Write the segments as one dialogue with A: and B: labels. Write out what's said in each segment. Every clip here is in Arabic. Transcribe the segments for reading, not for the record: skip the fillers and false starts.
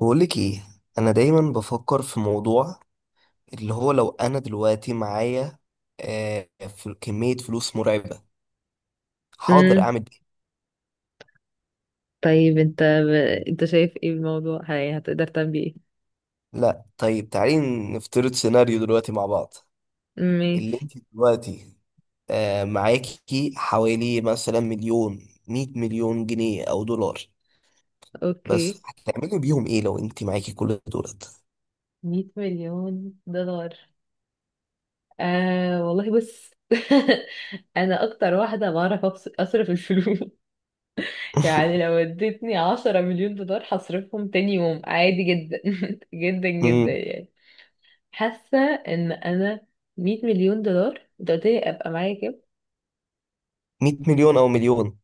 A: بقولك ايه؟ انا دايما بفكر في موضوع اللي هو لو انا دلوقتي معايا في كمية فلوس مرعبة، حاضر
B: امم
A: اعمل ايه؟
B: طيب، انت شايف ايه الموضوع؟ هي هتقدر تعمل ايه؟
A: لا طيب تعالي نفترض سيناريو دلوقتي مع بعض. اللي
B: ماشي.
A: انت دلوقتي معاكي حوالي مثلا مليون، مية مليون جنيه او دولار،
B: اوكي.
A: بس هتعملي بيهم ايه لو انت معاكي كل دولت؟
B: 100 مليون دولار؟ آه والله بص. انا اكتر واحده بعرف اصرف الفلوس. يعني لو اديتني 10 مليون دولار هصرفهم تاني يوم، عادي جدا. جدا جدا
A: مم،
B: يعني. حاسه ان انا 100 مليون دولار، انت قلت لي ابقى معايا كام؟
A: مية مليون او مليون.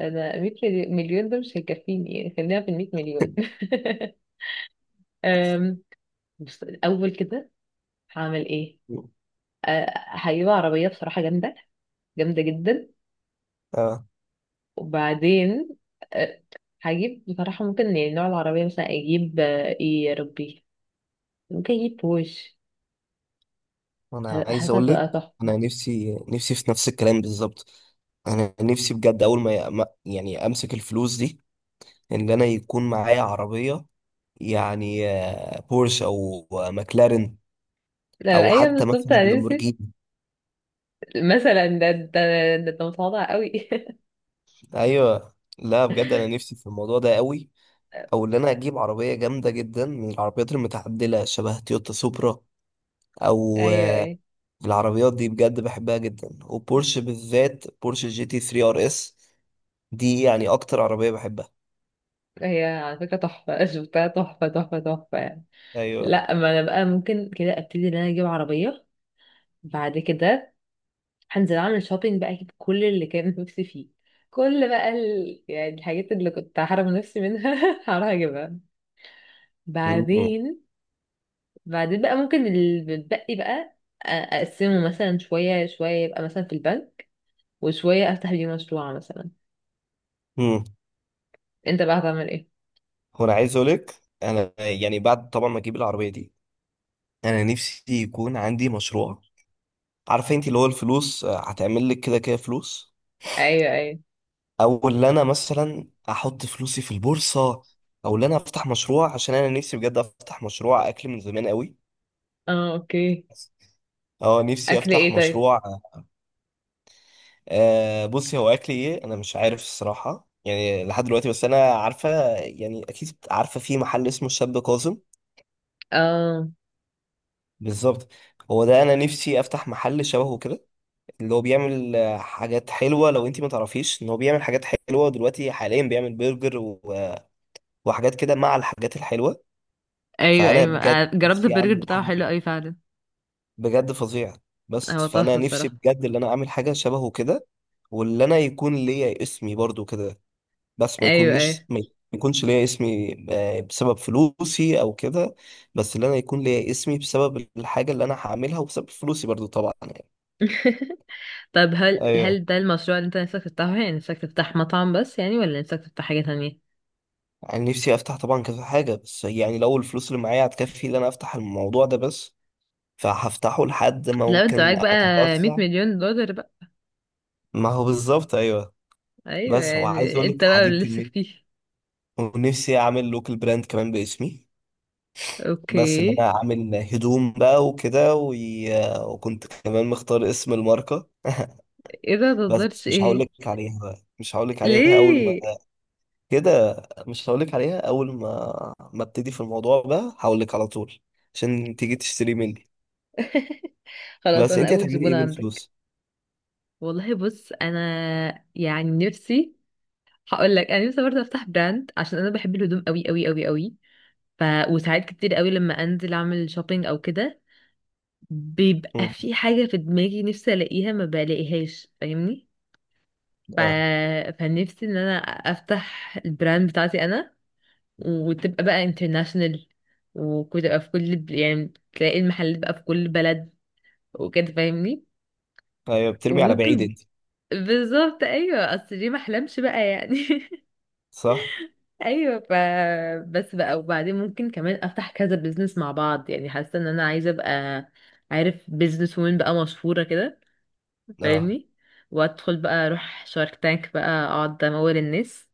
B: انا 100 مليون ده مش هيكفيني يعني، خلينا في ال 100 مليون. أم، بص الاول كده، هعمل ايه؟ هجيب عربيه بصراحه جامده، جامده جدا. وبعدين، أه هجيب بصراحه، ممكن يعني نوع العربيه مثلا اجيب، ايه يا ربي، ممكن اجيب بوش.
A: انا عايز اقول لك،
B: هتبقى تحفه.
A: انا نفسي نفسي في نفس الكلام بالظبط. انا نفسي بجد اول يعني امسك الفلوس دي، ان انا يكون معايا عربيه، يعني بورش او ماكلارين،
B: لا،
A: او
B: ايوه،
A: حتى
B: بالظبط،
A: مثلا
B: انا نسيت.
A: لامبورجيني.
B: مثلا ده متواضع قوي.
A: ايوه لا بجد انا نفسي في الموضوع ده قوي، او ان انا اجيب عربيه جامده جدا من العربيات المتعدله شبه تويوتا سوبرا، او
B: ايوه، ايوه.
A: العربيات دي بجد بحبها جدا، وبورش بالذات، بورش جي تي 3 ار اس، دي يعني اكتر عربيه بحبها.
B: هي على فكره تحفه، شفتها تحفه تحفه تحفه يعني.
A: ايوه.
B: لا، ما انا بقى ممكن كده ابتدي ان انا اجيب عربيه. بعد كده، هنزل اعمل شوبينج بقى، اجيب كل اللي كان نفسي فيه. كل بقى يعني الحاجات اللي كنت هحرم نفسي منها، هروح اجيبها.
A: مم.
B: بعدين، بعدين بقى ممكن اللي بتبقي بقى، اقسمه مثلا شوية شوية، يبقى مثلا في البنك، وشوية افتح بيه مشروع مثلا.
A: مم.
B: انت بقى هتعمل ايه؟
A: وانا عايز اقولك انا يعني بعد طبعا ما اجيب العربيه دي، انا نفسي يكون عندي مشروع. عارفه انت اللي هو الفلوس هتعمل لك كده كده فلوس،
B: ايوه، ايوه.
A: او اللي انا مثلا احط فلوسي في البورصه، او اللي انا افتح مشروع، عشان انا نفسي بجد افتح مشروع اكل من زمان قوي.
B: اه، اوكي.
A: اه نفسي
B: اكل
A: افتح
B: ايه طيب؟
A: مشروع. بصي هو اكل ايه انا مش عارف الصراحه، يعني لحد دلوقتي، بس انا عارفه يعني اكيد عارفه في محل اسمه الشاب كاظم.
B: اه،
A: بالظبط، هو ده انا نفسي افتح محل شبهه كده، اللي هو بيعمل حاجات حلوه. لو انت ما تعرفيش ان هو بيعمل حاجات حلوه، دلوقتي حاليا بيعمل برجر وحاجات كده مع الحاجات الحلوه.
B: ايوه،
A: فانا بجد
B: ايوه، جربت
A: نفسي
B: البرجر
A: اعمل
B: بتاعه
A: حاجه
B: حلو قوي فعلا.
A: بجد فظيعه، بس
B: هو
A: فانا
B: تحفة
A: نفسي
B: الصراحة.
A: بجد ان انا اعمل حاجه شبهه كده، واللي انا يكون ليا اسمي برضو كده، بس ما
B: ايوه،
A: يكونش
B: ايوه.
A: ما يكونش ليا اسمي بسبب فلوسي او كده، بس اللي انا يكون ليا اسمي بسبب الحاجه اللي انا هعملها، وبسبب فلوسي برضو طبعا يعني.
B: طب، هل
A: ايوه،
B: هل ده المشروع اللي انت نفسك تفتحه يعني؟ نفسك تفتح مطعم بس يعني، ولا نفسك تفتح حاجة تانية؟
A: يعني نفسي افتح طبعا كذا حاجه، بس يعني لو الفلوس اللي معايا هتكفي ان انا افتح الموضوع ده بس، فهفتحه لحد ما
B: لو انت
A: ممكن
B: معاك بقى
A: اتوسع.
B: 100 مليون دولار بقى.
A: ما هو بالظبط ايوه.
B: ايوه،
A: بس هو عايز
B: يعني
A: اقول لك
B: انت بقى
A: الحديد
B: اللي نفسك
A: كميه،
B: فيه.
A: ونفسي اعمل لوكال براند كمان باسمي، بس اللي
B: اوكي.
A: انا اعمل هدوم بقى وكده وكنت كمان مختار اسم الماركه،
B: ايه ده،
A: بس
B: متقدرش
A: بس مش هقول
B: ايه؟
A: لك عليها بقى. مش هقول لك عليها اول ما
B: ليه؟
A: كده. مش هقول لك عليها اول ما ابتدي في الموضوع بقى هقول لك على طول، عشان تيجي تشتري مني.
B: خلاص،
A: بس
B: انا
A: انت
B: اول
A: هتعملي
B: زبون
A: ايه
B: عندك.
A: بالفلوس؟
B: والله بص انا، يعني نفسي، هقول لك، انا نفسي برضه افتح براند عشان انا بحب الهدوم قوي قوي قوي قوي. ف وساعات كتير قوي لما انزل اعمل شوبينج او كده، بيبقى
A: مم.
B: في حاجة في دماغي نفسي ألاقيها ما بلاقيهاش، فاهمني؟ ف...
A: اه
B: فنفسي إن أنا أفتح البراند بتاعتي أنا، وتبقى بقى international، وتبقى في كل، يعني تلاقي المحلات بقى في كل بلد، وكده، فاهمني؟
A: ايوه، بترمي على بعيد
B: وممكن،
A: انت.
B: بالظبط أيوة، أصل ليه ما أحلمش بقى يعني.
A: صح.
B: أيوة. بس بقى، وبعدين ممكن كمان أفتح كذا بيزنس مع بعض، يعني حاسة إن أنا عايزة أبقى، عارف، بيزنس وومن بقى مشهورة كده،
A: اه
B: فاهمني؟ وادخل بقى اروح شارك تانك بقى، اقعد امول الناس.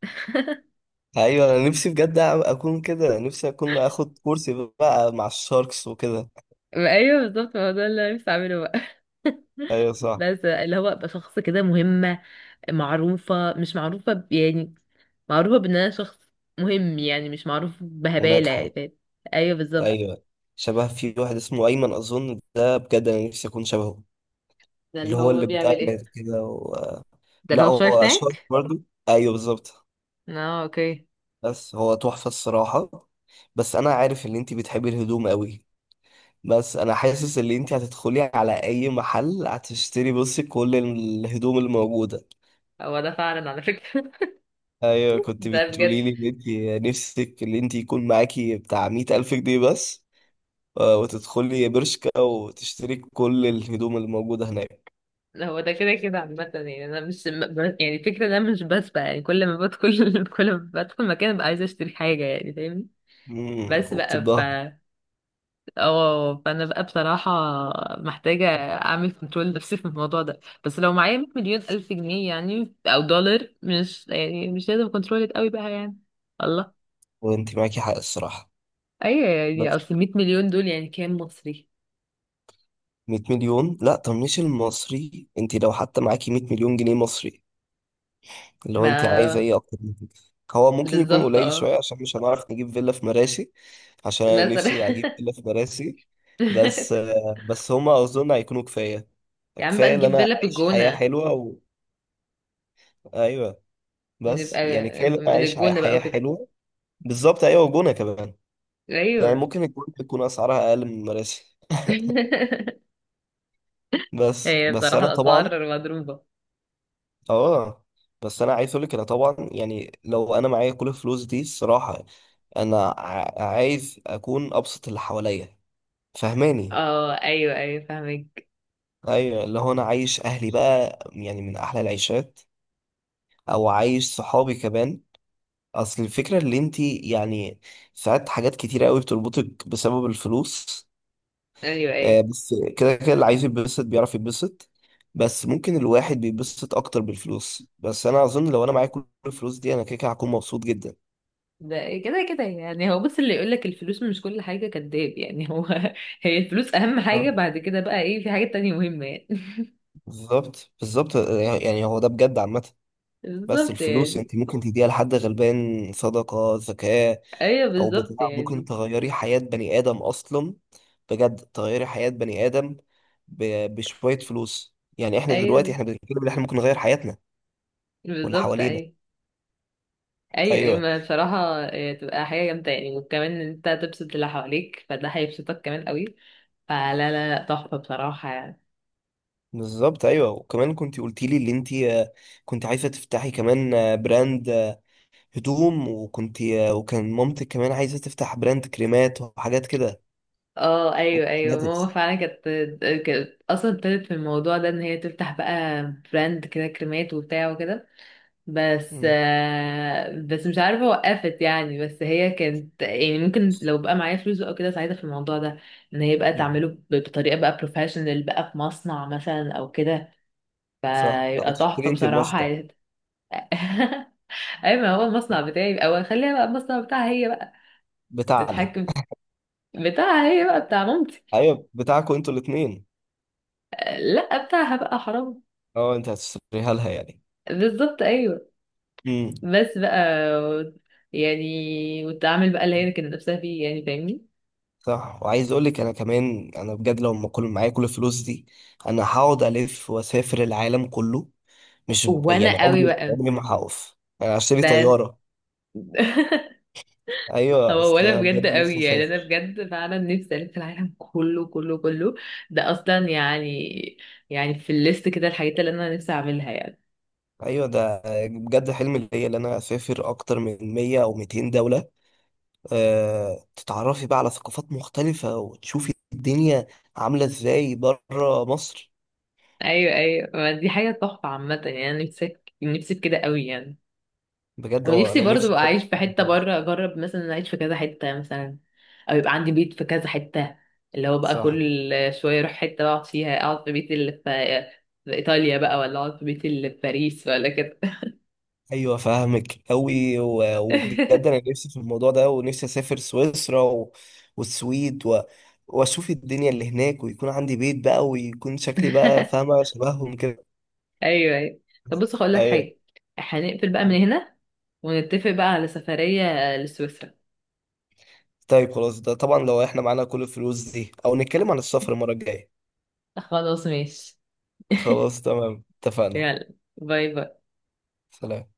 A: ايوه، انا نفسي بجد اكون كده، نفسي اكون اخد كورسي بقى مع الشاركس وكده.
B: ايوه بالظبط، ما هو ده اللي أنا نفسي اعمله بقى.
A: ايوه صح،
B: بس اللي هو ابقى شخص كده مهمة، معروفة، مش معروفة يعني، معروفة بان انا شخص مهم يعني، مش معروف بهبالة يعني،
A: وناجحه.
B: فاهم؟ ايوه بالظبط.
A: ايوه، شبه في واحد اسمه ايمن اظن، ده بجد انا نفسي اكون شبهه،
B: ده
A: اللي
B: اللي
A: هو
B: هو
A: اللي بتاع
B: بيعمل ايه؟
A: نت كده
B: ده
A: لا
B: اللي هو في شارك
A: هو شارك
B: تانك؟
A: برضه. ايوه بالظبط.
B: اه، اوكي.
A: بس هو تحفه الصراحه. بس انا عارف ان انت بتحبي الهدوم قوي، بس انا حاسس ان انت هتدخلي على اي محل هتشتري بصي كل الهدوم الموجوده.
B: هو ده فعلا على فكرة.
A: ايوه كنت
B: ده بجد.
A: بتقولي لي ان انت نفسك ان انت يكون معاكي بتاع مئة الف جنيه بس، وتدخلي برشكا وتشتري كل الهدوم الموجوده هناك.
B: هو ده كده كده عامة يعني، أنا مش يعني الفكرة إن أنا مش بسبق يعني، كل ما بدخل، كل ما بدخل مكان ببقى عايزة أشتري حاجة، يعني فاهمني. بس بقى.
A: وبتتبهدلي.
B: اه، فأنا بقى بصراحة محتاجة أعمل كنترول نفسي في الموضوع ده، بس لو معايا 100 مليون ألف جنيه يعني، أو دولار، مش يعني مش لازم كنترول قوي بقى يعني. الله.
A: وانت معاكي حق الصراحه.
B: أيوة، يعني
A: بس
B: أصل 100 مليون دول يعني كام مصري؟
A: 100 مليون، لا طب مش المصري، انت لو حتى معاكي 100 مليون جنيه مصري، لو انت عايزه
B: ما
A: ايه اكتر من كده؟ هو ممكن يكون
B: بالظبط،
A: قليل
B: اه،
A: شويه، عشان مش هنعرف نجيب فيلا في مراسي، عشان انا
B: مثلا.
A: نفسي اجيب فيلا في مراسي. بس هما اظن هيكونوا كفايه.
B: يا عم بقى
A: كفايه ان
B: نجيب
A: انا
B: فيلا في
A: اعيش حياه
B: الجونة،
A: حلوه ايوه، بس
B: نبقى
A: يعني كفايه ان انا
B: من
A: اعيش
B: الجونة بقى
A: حياة
B: وكده.
A: حلوه. بالظبط ايوه، وجونه كمان، يعني
B: ايوه.
A: ممكن الجونه تكون اسعارها اقل من مراسي. بس
B: هي بصراحة
A: انا طبعا
B: الأسعار مضروبة.
A: اه، بس انا عايز اقول لك انا طبعا يعني لو انا معايا كل الفلوس دي الصراحه، انا عايز اكون ابسط اللي حواليا، فهماني؟
B: اه، ايوه، ايوه، فاهمك.
A: ايوه، اللي هو انا عايش اهلي بقى يعني من احلى العيشات، او عايش صحابي كمان. اصل الفكره اللي انت يعني ساعات حاجات كتيره قوي بتربطك بسبب الفلوس.
B: ايوه، ايوه.
A: بس كده كده اللي عايز يتبسط بيعرف يتبسط، بس ممكن الواحد بيتبسط اكتر بالفلوس، بس انا اظن لو انا معايا كل الفلوس دي انا كده كده هكون مبسوط جدا.
B: ده كده كده يعني، هو بص اللي يقولك الفلوس مش كل حاجة كداب يعني، هو هي الفلوس أهم حاجة،
A: آه.
B: بعد كده بقى ايه؟ في حاجات تانية مهمة يعني.
A: بالظبط بالظبط. يعني هو ده بجد عامه، بس
B: بالظبط
A: الفلوس
B: يعني.
A: انت ممكن تديها لحد غلبان، صدقة، زكاة،
B: ايوه
A: او بتاع،
B: بالظبط
A: ممكن
B: يعني.
A: تغيري حياة بني ادم اصلا، بجد تغيري حياة بني ادم بشوية فلوس، يعني احنا دلوقتي
B: ايوه
A: احنا بنتكلم ان احنا ممكن نغير حياتنا واللي
B: بالظبط.
A: حوالينا.
B: ايوه ايوه، ايوه،
A: ايوه
B: ما بصراحة، إيه، تبقى حاجة جامدة يعني، وكمان ان انت تبسط اللي حواليك فده هيبسطك كمان قوي. فلا، لا، لا، تحفة بصراحة يعني.
A: بالظبط ايوه. وكمان كنت قلتي لي اللي انت كنت عايزة تفتحي كمان براند هدوم، وكنت وكان مامتك كمان عايزة تفتح براند كريمات وحاجات كده،
B: اه، ايوه، ايوه، ماما
A: وكوزماتكس.
B: فعلا كانت اصلا ابتدت في الموضوع ده، ان هي تفتح بقى براند كده، كريمات وبتاع وكده. بس
A: مم.
B: آه، بس مش عارفه وقفت يعني. بس هي كانت، يعني ممكن لو بقى معايا فلوس او كده ساعتها في الموضوع ده، ان هي بقى
A: مم.
B: تعمله بطريقه بقى بروفيشنال، بقى في مصنع مثلا او كده،
A: صح، او
B: فيبقى
A: تشتري
B: تحفه
A: انت
B: بصراحه
A: المصنع
B: يعني. ايوه، ما هو المصنع بتاعي، او خليها بقى المصنع بتاعها هي بقى
A: بتاعنا.
B: تتحكم. بتاعها هي بقى، بتاع مامتي.
A: ايوه بتاعكم انتوا الاثنين.
B: لا، بتاعها بقى، حرام.
A: اه انت هتشتريها لها يعني.
B: بالظبط ايوه.
A: امم.
B: بس بقى، يعني والتعامل بقى اللي هي كانت نفسها فيه، يعني فاهمني.
A: صح. وعايز اقول لك انا كمان، انا بجد لو ما كل معايا كل الفلوس دي انا هقعد الف واسافر العالم كله، مش يعني
B: وانا قوي
A: عمري
B: بقى.
A: ما هقف. انا هشتري
B: ده
A: طياره. ايوه
B: هو
A: اصل
B: وانا
A: انا
B: بجد
A: بجد
B: قوي
A: نفسي
B: يعني، انا
A: اسافر.
B: بجد فعلا نفسي الف العالم كله كله كله. ده اصلا يعني، يعني في الليست كده الحاجات اللي انا نفسي اعملها يعني.
A: ايوه، ده بجد حلم ليا ان انا اسافر اكتر من 100 او 200 دوله، أه تتعرفي بقى على ثقافات مختلفه وتشوفي الدنيا عامله ازاي بره مصر.
B: ايوه، ايوه، ما دي حاجه تحفه عامه يعني، انا نفسي نفسي في كده قوي يعني.
A: بجد اه
B: ونفسي
A: انا
B: برضو
A: نفسي
B: ابقى
A: بجد
B: اعيش
A: في
B: في حته
A: الموضوع ده.
B: بره، اجرب مثلا اعيش في كذا حته، مثلا او يبقى عندي بيت في كذا حته، اللي هو بقى
A: صح
B: كل شويه اروح حته اقعد فيها، اقعد في بيت اللي في ايطاليا بقى، ولا اقعد في بيت اللي في باريس ولا كده.
A: ايوه، فاهمك قوي، وبجد انا نفسي في الموضوع ده، ونفسي اسافر سويسرا والسويد واشوف الدنيا اللي هناك، ويكون عندي بيت بقى، ويكون شكلي بقى فاهمه شبههم كده.
B: ايوه، ايوه. طب بص، هقول لك
A: ايوه
B: حاجه، هنقفل بقى من هنا، ونتفق بقى على سفريه لسويسرا.
A: طيب خلاص، ده طبعا لو احنا معانا كل الفلوس دي، او نتكلم عن السفر المره الجايه.
B: خلاص ماشي.
A: خلاص تمام اتفقنا.
B: يلا. باي باي.
A: سلام.